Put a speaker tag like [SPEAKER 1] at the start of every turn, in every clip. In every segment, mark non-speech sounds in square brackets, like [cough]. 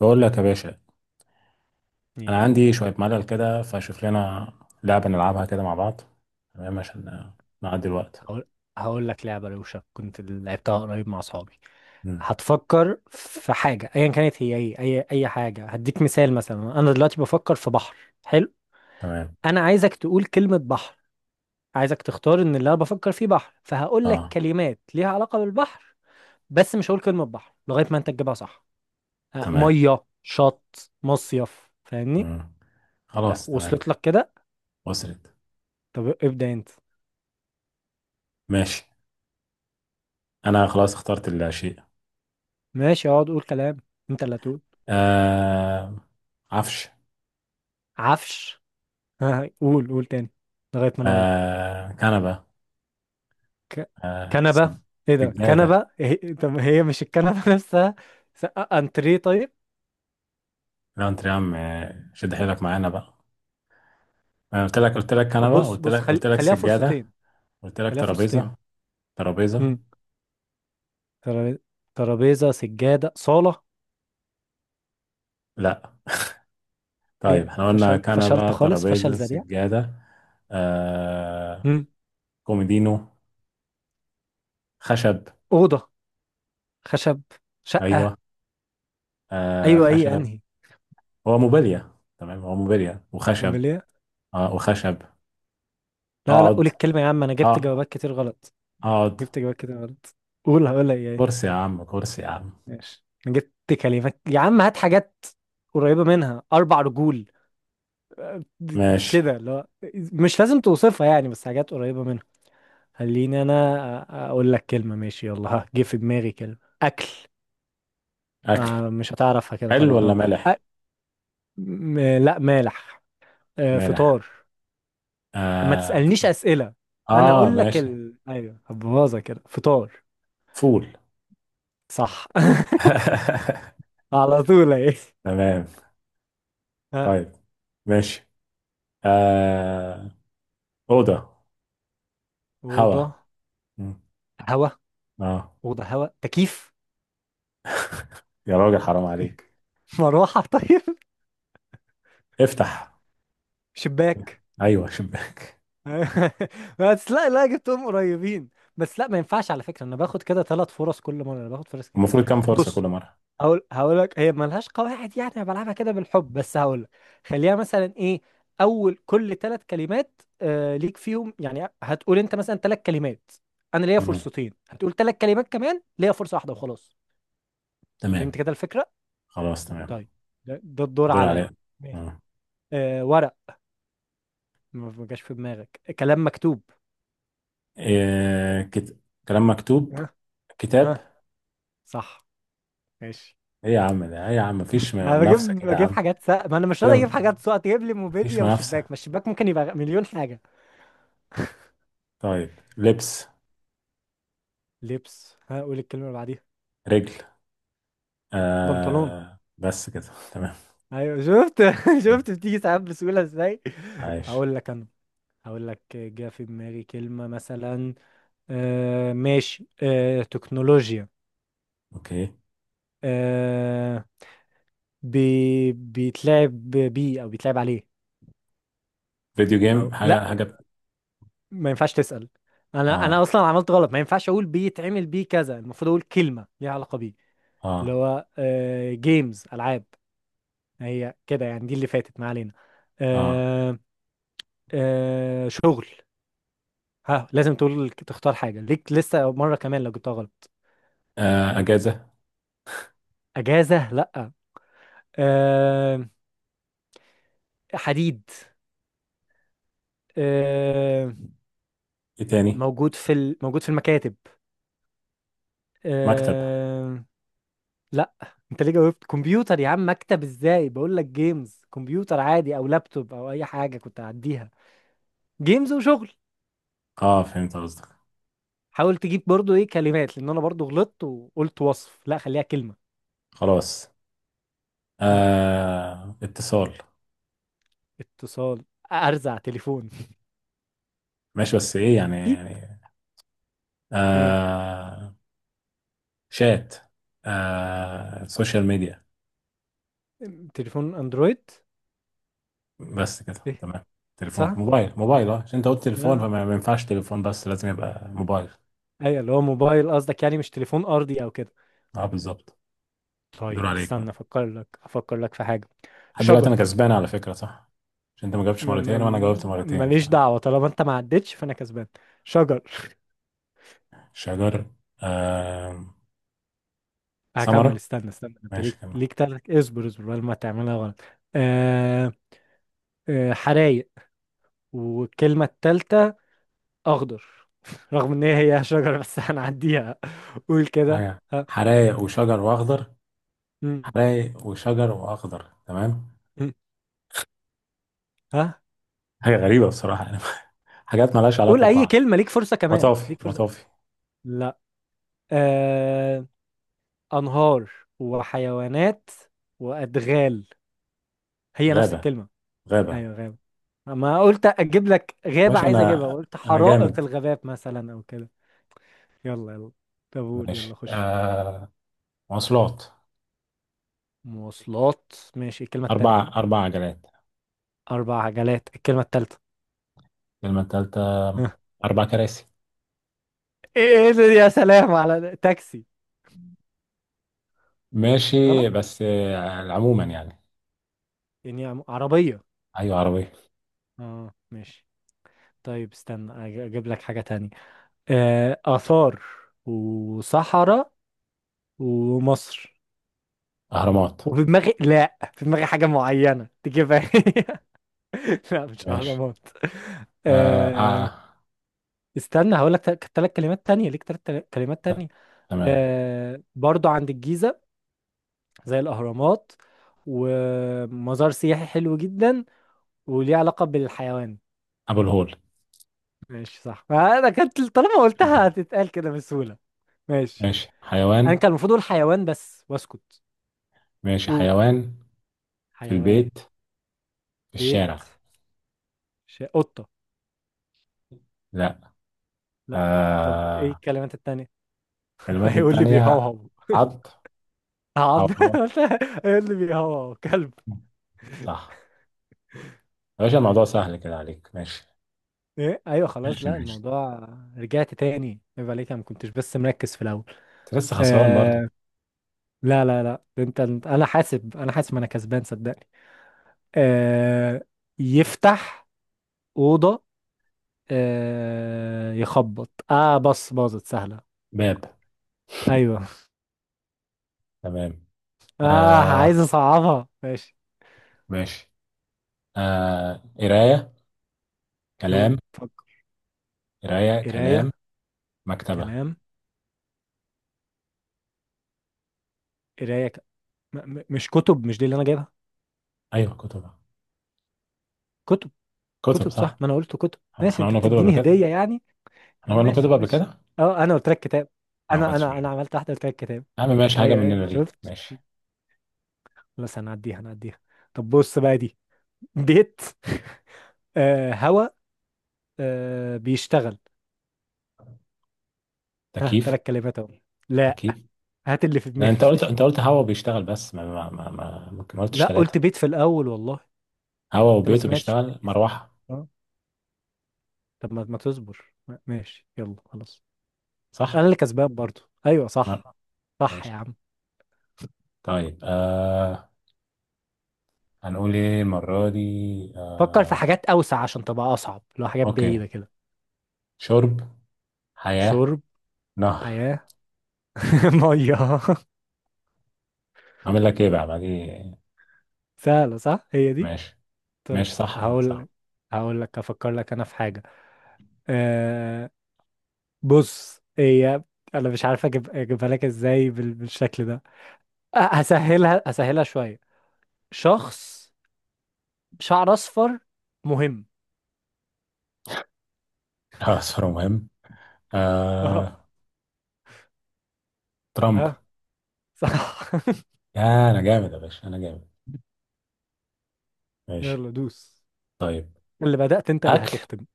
[SPEAKER 1] بقول لك يا باشا،
[SPEAKER 2] ايه
[SPEAKER 1] انا
[SPEAKER 2] يا اخويا.
[SPEAKER 1] عندي شويه ملل كده فشوف لنا لعبه نلعبها كده مع بعض. تمام عشان نعدي الوقت.
[SPEAKER 2] هقول هقول لك لعبه روشه كنت لعبتها قريب مع اصحابي.
[SPEAKER 1] مم.
[SPEAKER 2] هتفكر في حاجه ايا كانت هي ايه، اي حاجه، هديك مثال. مثلا انا دلوقتي بفكر في بحر. حلو.
[SPEAKER 1] تمام.
[SPEAKER 2] انا عايزك تقول كلمه بحر. عايزك تختار ان اللي انا بفكر فيه بحر، فهقول لك
[SPEAKER 1] اه
[SPEAKER 2] كلمات ليها علاقه بالبحر، بس مش هقول كلمه بحر لغايه ما انت تجيبها صح. آه،
[SPEAKER 1] تمام.
[SPEAKER 2] ميه شط مصيف فاهمني؟
[SPEAKER 1] مم.
[SPEAKER 2] لا
[SPEAKER 1] خلاص تمام.
[SPEAKER 2] وصلت لك كده؟
[SPEAKER 1] وصلت.
[SPEAKER 2] طب ابدا انت.
[SPEAKER 1] ماشي، انا خلاص اخترت الشيء.
[SPEAKER 2] ماشي اقعد قول كلام، انت اللي هتقول.
[SPEAKER 1] آه عفش.
[SPEAKER 2] عفش. ها قول قول تاني، لغاية ما انا اقول.
[SPEAKER 1] آه كنبه.
[SPEAKER 2] ك...
[SPEAKER 1] آه
[SPEAKER 2] كنبة. ايه ده
[SPEAKER 1] سجاده.
[SPEAKER 2] كنبة، طب هي مش الكنبة [laughs] نفسها. س... انتريه طيب.
[SPEAKER 1] لا انت يا عم، آه، شد حيلك معانا بقى. انا قلت لك قلت لك
[SPEAKER 2] طب
[SPEAKER 1] كنبه،
[SPEAKER 2] بص
[SPEAKER 1] قلت
[SPEAKER 2] بص،
[SPEAKER 1] لك قلت لك
[SPEAKER 2] خليها
[SPEAKER 1] سجاده،
[SPEAKER 2] فرصتين.
[SPEAKER 1] قلت لك
[SPEAKER 2] خليها فرصتين.
[SPEAKER 1] ترابيزه. ترابيزه.
[SPEAKER 2] امم ترابيزة. ترابيزة سجادة صالة.
[SPEAKER 1] لا. طيب
[SPEAKER 2] مين
[SPEAKER 1] احنا قلنا
[SPEAKER 2] فشل؟ فشلت
[SPEAKER 1] كنبة
[SPEAKER 2] خالص، فشل
[SPEAKER 1] ترابيزة
[SPEAKER 2] ذريع.
[SPEAKER 1] سجادة. آه
[SPEAKER 2] امم
[SPEAKER 1] كوميدينو خشب.
[SPEAKER 2] أوضة. خشب. شقة.
[SPEAKER 1] ايوه آه
[SPEAKER 2] ايوه، ايه
[SPEAKER 1] خشب.
[SPEAKER 2] انهي؟
[SPEAKER 1] هو موبيليا، تمام هو موبيليا وخشب.
[SPEAKER 2] امال ايه؟
[SPEAKER 1] اه وخشب.
[SPEAKER 2] لا لا، قول
[SPEAKER 1] اقعد،
[SPEAKER 2] الكلمة يا عم، انا جبت
[SPEAKER 1] اه
[SPEAKER 2] جوابات كتير غلط.
[SPEAKER 1] اقعد.
[SPEAKER 2] جبت جوابات كتير غلط. قول هقولها ايه.
[SPEAKER 1] كرسي يا عم، كرسي يا عم.
[SPEAKER 2] ماشي، جبت كلمات يا عم، هات حاجات قريبة منها. أربع رجول. آه،
[SPEAKER 1] ماشي.
[SPEAKER 2] كده لا. مش لازم توصفها يعني، بس حاجات قريبة منها. خليني أنا أقول لك كلمة، ماشي يلا. ها جه في دماغي كلمة أكل.
[SPEAKER 1] اكل.
[SPEAKER 2] ما مش هتعرفها كده
[SPEAKER 1] حلو
[SPEAKER 2] طبعا،
[SPEAKER 1] ولا
[SPEAKER 2] اه.
[SPEAKER 1] مالح؟
[SPEAKER 2] أ- لا مالح. آه،
[SPEAKER 1] مالح.
[SPEAKER 2] فطار. ما
[SPEAKER 1] اه،
[SPEAKER 2] تسألنيش أسئلة. أنا
[SPEAKER 1] آه
[SPEAKER 2] أقول لك
[SPEAKER 1] ماشي.
[SPEAKER 2] أيوه هبوظها كده، فطار.
[SPEAKER 1] فول.
[SPEAKER 2] صح.
[SPEAKER 1] [laughs]
[SPEAKER 2] [laughs] على طول أهي.
[SPEAKER 1] تمام.
[SPEAKER 2] ها.
[SPEAKER 1] طيب ماشي. آه أوضة.
[SPEAKER 2] أوضة.
[SPEAKER 1] هوا. مم.
[SPEAKER 2] هوا.
[SPEAKER 1] اه.
[SPEAKER 2] أوضة هوا تكييف.
[SPEAKER 1] يا راجل حرام
[SPEAKER 2] [laughs]
[SPEAKER 1] عليك.
[SPEAKER 2] [laughs] مروحة طيب.
[SPEAKER 1] افتح.
[SPEAKER 2] شباك.
[SPEAKER 1] ايوه شباك.
[SPEAKER 2] [laughs] بس لا لا، جبتهم قريبين. بس لا، ما ينفعش على فكرة، انا باخد كده ثلاث فرص كل مرة. انا باخد فرص كتير.
[SPEAKER 1] المفروض كام فرصه كل
[SPEAKER 2] بص،
[SPEAKER 1] مره؟
[SPEAKER 2] هقول لك، هي ملهاش قواعد يعني، انا بلعبها كده بالحب، بس هقول لك. خليها مثلا ايه، اول كل ثلاث كلمات ليك فيهم، يعني هتقول انت مثلا ثلاث كلمات، انا ليا
[SPEAKER 1] مم.
[SPEAKER 2] فرصتين. هتقول ثلاث كلمات كمان، ليا فرصة واحدة وخلاص. فهمت
[SPEAKER 1] تمام.
[SPEAKER 2] كده الفكرة؟
[SPEAKER 1] خلاص تمام.
[SPEAKER 2] طيب. ده الدور
[SPEAKER 1] دور عليا.
[SPEAKER 2] عليا. ماشي.
[SPEAKER 1] آه.
[SPEAKER 2] آه ورق. ما جاش في دماغك كلام مكتوب؟
[SPEAKER 1] إيه كلام مكتوب.
[SPEAKER 2] ها
[SPEAKER 1] كتاب.
[SPEAKER 2] صح ماشي.
[SPEAKER 1] ايه يا عم ده، ايه يا عم مفيش
[SPEAKER 2] انا بجيب
[SPEAKER 1] منافسه كده يا
[SPEAKER 2] بجيب
[SPEAKER 1] عم.
[SPEAKER 2] حاجات سقف، ما انا مش راضي
[SPEAKER 1] كده
[SPEAKER 2] اجيب حاجات سقف تجيب لي
[SPEAKER 1] مفيش
[SPEAKER 2] موبيليا وشباك.
[SPEAKER 1] منافسه.
[SPEAKER 2] ما الشباك ممكن يبقى مليون حاجه.
[SPEAKER 1] طيب لبس.
[SPEAKER 2] لبس. ها قول الكلمه اللي بعديها.
[SPEAKER 1] رجل.
[SPEAKER 2] بنطلون.
[SPEAKER 1] آه بس كده. [laughs] تمام.
[SPEAKER 2] ايوه شفت [laughs]
[SPEAKER 1] مم.
[SPEAKER 2] شفت بتيجي ساعات بسهوله ازاي.
[SPEAKER 1] عايش.
[SPEAKER 2] هقول لك انا، هقول لك جه في دماغي كلمه مثلا. آه ماشي، تكنولوجيا.
[SPEAKER 1] اوكي.
[SPEAKER 2] آه. بيتلعب بيه او بيتلعب عليه.
[SPEAKER 1] فيديو جيم،
[SPEAKER 2] او لا،
[SPEAKER 1] حاجه حاجه.
[SPEAKER 2] ما ينفعش تسأل. انا
[SPEAKER 1] اه،
[SPEAKER 2] اصلا عملت غلط، ما ينفعش اقول بيتعمل بيه كذا، المفروض اقول كلمة ليها علاقة بيه. اللي
[SPEAKER 1] اه،
[SPEAKER 2] هو جيمز، العاب. هي كده يعني، دي اللي فاتت ما علينا.
[SPEAKER 1] اه،
[SPEAKER 2] آه. آه شغل. ها لازم تقول تختار حاجة، ليك لسه مرة كمان لو جبتها غلط.
[SPEAKER 1] آه. اجازه.
[SPEAKER 2] اجازة لا. آه. حديد. آه.
[SPEAKER 1] ايه تاني؟
[SPEAKER 2] موجود في المكاتب.
[SPEAKER 1] مكتب.
[SPEAKER 2] آه، لا. انت ليه جاوبت كمبيوتر يا عم؟ مكتب ازاي، بقول لك جيمز، كمبيوتر عادي او لابتوب او اي حاجه كنت هعديها. جيمز وشغل.
[SPEAKER 1] اه فهمت قصدك.
[SPEAKER 2] حاول تجيب برضو ايه كلمات، لان انا برضو غلطت وقلت وصف، لا خليها كلمه.
[SPEAKER 1] خلاص.
[SPEAKER 2] ها.
[SPEAKER 1] آه اتصال.
[SPEAKER 2] اتصال. ارزع تليفون [laughs]
[SPEAKER 1] ماشي بس ايه يعني
[SPEAKER 2] اكيد.
[SPEAKER 1] يعني.
[SPEAKER 2] ايه.
[SPEAKER 1] آه شات. آه سوشيال ميديا.
[SPEAKER 2] تليفون اندرويد.
[SPEAKER 1] بس كده
[SPEAKER 2] ايه.
[SPEAKER 1] تمام. تليفون
[SPEAKER 2] صح.
[SPEAKER 1] موبايل موبايل. اه عشان انت قلت تليفون
[SPEAKER 2] لا،
[SPEAKER 1] فما ما ينفعش تليفون، بس لازم يبقى موبايل.
[SPEAKER 2] ايوه اللي هو موبايل قصدك، يعني مش تليفون ارضي او كده.
[SPEAKER 1] اه بالظبط.
[SPEAKER 2] طيب
[SPEAKER 1] دور عليك
[SPEAKER 2] استنى
[SPEAKER 1] بقى.
[SPEAKER 2] افكر لك في حاجه.
[SPEAKER 1] لحد دلوقتي
[SPEAKER 2] شجر.
[SPEAKER 1] انا كسبان على فكرة، صح؟ عشان انت ما جاوبتش مرتين وانا جاوبت مرتين.
[SPEAKER 2] ماليش دعوه، طالما انت ما عدتش فانا كسبان. شجر.
[SPEAKER 1] فشجر. آه ثمرة.
[SPEAKER 2] هكمل. استنى استنى، انت
[SPEAKER 1] ماشي
[SPEAKER 2] ليك
[SPEAKER 1] كمان.
[SPEAKER 2] ليك تلات، اصبر اصبر بدل ما تعملها غلط. آه آه حرايق. والكلمة التالتة أخضر. [laughs] رغم إن هي شجرة بس هنعديها. قول كده
[SPEAKER 1] حاجة.
[SPEAKER 2] ها.
[SPEAKER 1] حرايق وشجر واخضر.
[SPEAKER 2] مم،
[SPEAKER 1] حرايق وشجر واخضر تمام.
[SPEAKER 2] مم، ها.
[SPEAKER 1] حاجة غريبة بصراحة يعني. [laughs] حاجات مالهاش
[SPEAKER 2] قول
[SPEAKER 1] علاقة
[SPEAKER 2] أي
[SPEAKER 1] ببعض.
[SPEAKER 2] كلمة، ليك فرصة كمان،
[SPEAKER 1] مطافي
[SPEAKER 2] ليك فرصة.
[SPEAKER 1] مطافي.
[SPEAKER 2] لا. آه. أنهار. وحيوانات. وأدغال. هي نفس
[SPEAKER 1] غابة.
[SPEAKER 2] الكلمة.
[SPEAKER 1] غابة.
[SPEAKER 2] أيوة غابة. ما قلت أجيب لك غابة،
[SPEAKER 1] باشا
[SPEAKER 2] عايز أجيبها
[SPEAKER 1] أنا،
[SPEAKER 2] قلت
[SPEAKER 1] أنا
[SPEAKER 2] حرائق
[SPEAKER 1] جامد.
[SPEAKER 2] الغابات مثلا أو كده. يلا يلا. طب قول
[SPEAKER 1] ماشي
[SPEAKER 2] يلا خش.
[SPEAKER 1] آه مواصلات.
[SPEAKER 2] مواصلات ماشي الكلمة التانية.
[SPEAKER 1] أربع عجلات.
[SPEAKER 2] أربع عجلات الكلمة التالتة.
[SPEAKER 1] الكلمة التالتة.
[SPEAKER 2] [laughs] ها.
[SPEAKER 1] أربع كراسي.
[SPEAKER 2] إيه إيه ده، يا سلام على ده. تاكسي.
[SPEAKER 1] ماشي
[SPEAKER 2] غلط.
[SPEAKER 1] بس آه عموما يعني.
[SPEAKER 2] يعني عربية.
[SPEAKER 1] أيوة عربية.
[SPEAKER 2] اه ماشي. طيب استنى أجيب لك حاجة تانية. آه آثار. وصحراء. ومصر.
[SPEAKER 1] أهرامات.
[SPEAKER 2] وفي دماغي، لا في دماغي حاجة معينة تجيبها [laughs] هي. لا مش
[SPEAKER 1] ماشي.
[SPEAKER 2] أهرامات.
[SPEAKER 1] آه،
[SPEAKER 2] آه.
[SPEAKER 1] آه.
[SPEAKER 2] استنى هقول لك ثلاث كلمات تانية، ليك ثلاث كلمات
[SPEAKER 1] ت-
[SPEAKER 2] تانية.
[SPEAKER 1] تمام.
[SPEAKER 2] آه برضو عند الجيزة. زي الأهرامات. ومزار سياحي حلو جدا. وليه علاقة بالحيوان.
[SPEAKER 1] أبو الهول.
[SPEAKER 2] ماشي صح، فأنا كانت طالما قلتها هتتقال كده بسهولة. ماشي.
[SPEAKER 1] ماشي
[SPEAKER 2] أنا
[SPEAKER 1] حيوان.
[SPEAKER 2] كان المفروض أقول حيوان بس وأسكت.
[SPEAKER 1] ماشي
[SPEAKER 2] قول.
[SPEAKER 1] حيوان. في
[SPEAKER 2] حيوان.
[SPEAKER 1] البيت، في
[SPEAKER 2] بيت.
[SPEAKER 1] الشارع.
[SPEAKER 2] قطة.
[SPEAKER 1] لا.
[SPEAKER 2] لا. طب إيه
[SPEAKER 1] آه.
[SPEAKER 2] الكلمات التانية؟ [laughs]
[SPEAKER 1] الكلمات
[SPEAKER 2] هيقول لي
[SPEAKER 1] التانية.
[SPEAKER 2] بيهوهو.
[SPEAKER 1] عط. أو
[SPEAKER 2] هقعد
[SPEAKER 1] خلاص.
[SPEAKER 2] [laughs] هيقول لي بيهوهو كلب.
[SPEAKER 1] صح. يا باشا
[SPEAKER 2] طيب.
[SPEAKER 1] الموضوع سهل كده عليك؟ ماشي
[SPEAKER 2] ايه ايوه خلاص،
[SPEAKER 1] ماشي
[SPEAKER 2] لا
[SPEAKER 1] ماشي.
[SPEAKER 2] الموضوع. رجعت تاني، عيب عليك، انا ما كنتش بس مركز في الاول.
[SPEAKER 1] انت لسه خسران برضو.
[SPEAKER 2] آه، لا لا لا، انا حاسب انا كسبان صدقني. آه. يفتح. اوضه. آه يخبط. اه بص باظت سهله.
[SPEAKER 1] باب.
[SPEAKER 2] ايوه.
[SPEAKER 1] تمام.
[SPEAKER 2] [laughs] اه عايز
[SPEAKER 1] آه
[SPEAKER 2] اصعبها ماشي.
[SPEAKER 1] ماشي. آه قراية
[SPEAKER 2] هو
[SPEAKER 1] كلام.
[SPEAKER 2] فك.
[SPEAKER 1] قراية كلام.
[SPEAKER 2] قرايه
[SPEAKER 1] مكتبة.
[SPEAKER 2] كلام. قرايه مش كتب، مش دي اللي انا جايبها.
[SPEAKER 1] أيوة كتب.
[SPEAKER 2] كتب.
[SPEAKER 1] كتب
[SPEAKER 2] كتب
[SPEAKER 1] صح.
[SPEAKER 2] صح، ما انا قلت كتب، ماشي
[SPEAKER 1] احنا
[SPEAKER 2] انت
[SPEAKER 1] قلنا كتب قبل
[SPEAKER 2] بتديني
[SPEAKER 1] كده.
[SPEAKER 2] هديه يعني.
[SPEAKER 1] احنا قلنا
[SPEAKER 2] ماشي
[SPEAKER 1] كتب قبل
[SPEAKER 2] ماشي.
[SPEAKER 1] كده.
[SPEAKER 2] اه انا قلت لك كتاب.
[SPEAKER 1] أنا ما
[SPEAKER 2] انا
[SPEAKER 1] خدتش
[SPEAKER 2] انا انا
[SPEAKER 1] بالي.
[SPEAKER 2] عملت واحده قلت لك كتاب.
[SPEAKER 1] يا عم ماشي، حاجة
[SPEAKER 2] ايوه ايوه
[SPEAKER 1] مننا ليك
[SPEAKER 2] شفت.
[SPEAKER 1] ماشي.
[SPEAKER 2] خلاص هنعديها هنعديها. طب بص بقى دي. بيت [laughs] آه هوا. آه بيشتغل. ها
[SPEAKER 1] تكييف.
[SPEAKER 2] ثلاث كلمات اهو. لا.
[SPEAKER 1] تكييف.
[SPEAKER 2] هات اللي في
[SPEAKER 1] لا
[SPEAKER 2] دماغي
[SPEAKER 1] انت قلت، انت
[SPEAKER 2] [laughs]
[SPEAKER 1] قلت هوا بيشتغل بس ما قلتش
[SPEAKER 2] لا
[SPEAKER 1] ثلاثة.
[SPEAKER 2] قلت بيت في الاول والله.
[SPEAKER 1] هوا
[SPEAKER 2] انت ما
[SPEAKER 1] وبيته
[SPEAKER 2] سمعتش، ما
[SPEAKER 1] بيشتغل
[SPEAKER 2] ركزتش.
[SPEAKER 1] مروحة.
[SPEAKER 2] اه. طب ما تصبر. ماشي يلا خلاص. انا
[SPEAKER 1] صح.
[SPEAKER 2] اللي كسبان برضو، ايوه صح. صح
[SPEAKER 1] ماشي.
[SPEAKER 2] يا عم.
[SPEAKER 1] طيب آه هنقول ايه المرة دي؟
[SPEAKER 2] فكر في
[SPEAKER 1] آه.
[SPEAKER 2] حاجات اوسع عشان تبقى اصعب، لو حاجات
[SPEAKER 1] اوكي.
[SPEAKER 2] بعيده كده.
[SPEAKER 1] شرب. حياة.
[SPEAKER 2] شرب.
[SPEAKER 1] نهر.
[SPEAKER 2] حياه. [laughs] ميه.
[SPEAKER 1] عامل لك ايه بقى بعدي؟
[SPEAKER 2] سهله صح، هي دي.
[SPEAKER 1] ماشي ماشي
[SPEAKER 2] طيب
[SPEAKER 1] صح. آه، صح.
[SPEAKER 2] هقول. هقول لك افكر لك انا في حاجه. أه... بص هي. انا مش عارف اجيبها لك ازاي بالشكل ده. هسهلها هسهلها شويه. شخص. شعر اصفر. مهم.
[SPEAKER 1] [laughs] اه صورة مهم.
[SPEAKER 2] [laughs] اه.
[SPEAKER 1] آه ترامب.
[SPEAKER 2] اه صح.
[SPEAKER 1] يا، انا جامد يا باشا، انا جامد.
[SPEAKER 2] [laughs]
[SPEAKER 1] ماشي.
[SPEAKER 2] يلا دوس.
[SPEAKER 1] طيب.
[SPEAKER 2] اللي بدأت انت اللي
[SPEAKER 1] اكل.
[SPEAKER 2] هتختم.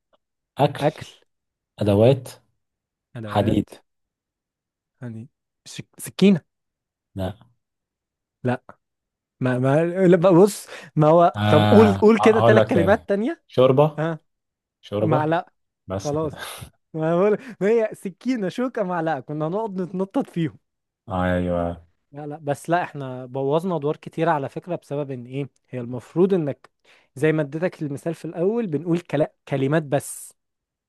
[SPEAKER 1] اكل.
[SPEAKER 2] اكل.
[SPEAKER 1] ادوات.
[SPEAKER 2] ادوات.
[SPEAKER 1] حديد.
[SPEAKER 2] يعني سكينه.
[SPEAKER 1] لا.
[SPEAKER 2] لا. ما لا، بص. ما هو طب قول،
[SPEAKER 1] آه
[SPEAKER 2] قول كده
[SPEAKER 1] هقول
[SPEAKER 2] ثلاث
[SPEAKER 1] لك تاني.
[SPEAKER 2] كلمات تانية.
[SPEAKER 1] شوربة.
[SPEAKER 2] ها.
[SPEAKER 1] شوربة.
[SPEAKER 2] معلقه.
[SPEAKER 1] بس كده.
[SPEAKER 2] خلاص. ما هي سكينه شوكه معلقه، كنا هنقعد نتنطط فيهم.
[SPEAKER 1] [laughs] ايوه يا
[SPEAKER 2] لا لا، بس لا احنا بوظنا ادوار كتير على فكرة، بسبب ان ايه، هي المفروض انك زي ما اديتك المثال في الاول، بنقول كلمات بس،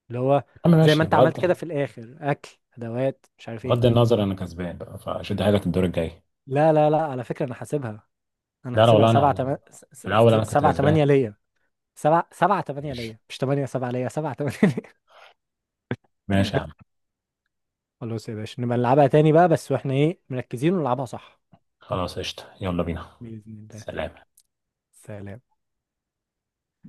[SPEAKER 2] اللي هو
[SPEAKER 1] عم
[SPEAKER 2] زي ما
[SPEAKER 1] ماشي.
[SPEAKER 2] انت عملت
[SPEAKER 1] بغض.
[SPEAKER 2] كده في الاخر، اكل ادوات مش عارف
[SPEAKER 1] بغض
[SPEAKER 2] ايه.
[SPEAKER 1] النظر انا كسبان بقى، فشد حيلك الدور الجاي.
[SPEAKER 2] لا لا لا، على فكرة انا حاسبها. انا
[SPEAKER 1] ده لو
[SPEAKER 2] حاسبها
[SPEAKER 1] لا، انا
[SPEAKER 2] سبعة
[SPEAKER 1] انا في الاول انا كنت
[SPEAKER 2] سبعة
[SPEAKER 1] كسبان.
[SPEAKER 2] تمانية ليا. سبعة تمانية
[SPEAKER 1] ماشي.
[SPEAKER 2] ليا، مش تمانية، سبعة ليا، سبعة تمانية ليا.
[SPEAKER 1] ماشي يا عم.
[SPEAKER 2] [laughs] خلاص يا باشا نبقى نلعبها تاني بقى، بس واحنا ايه مركزين، ونلعبها صح.
[SPEAKER 1] خلاص قشطة يلا بينا.
[SPEAKER 2] بإذن الله.
[SPEAKER 1] سلام.
[SPEAKER 2] سلام.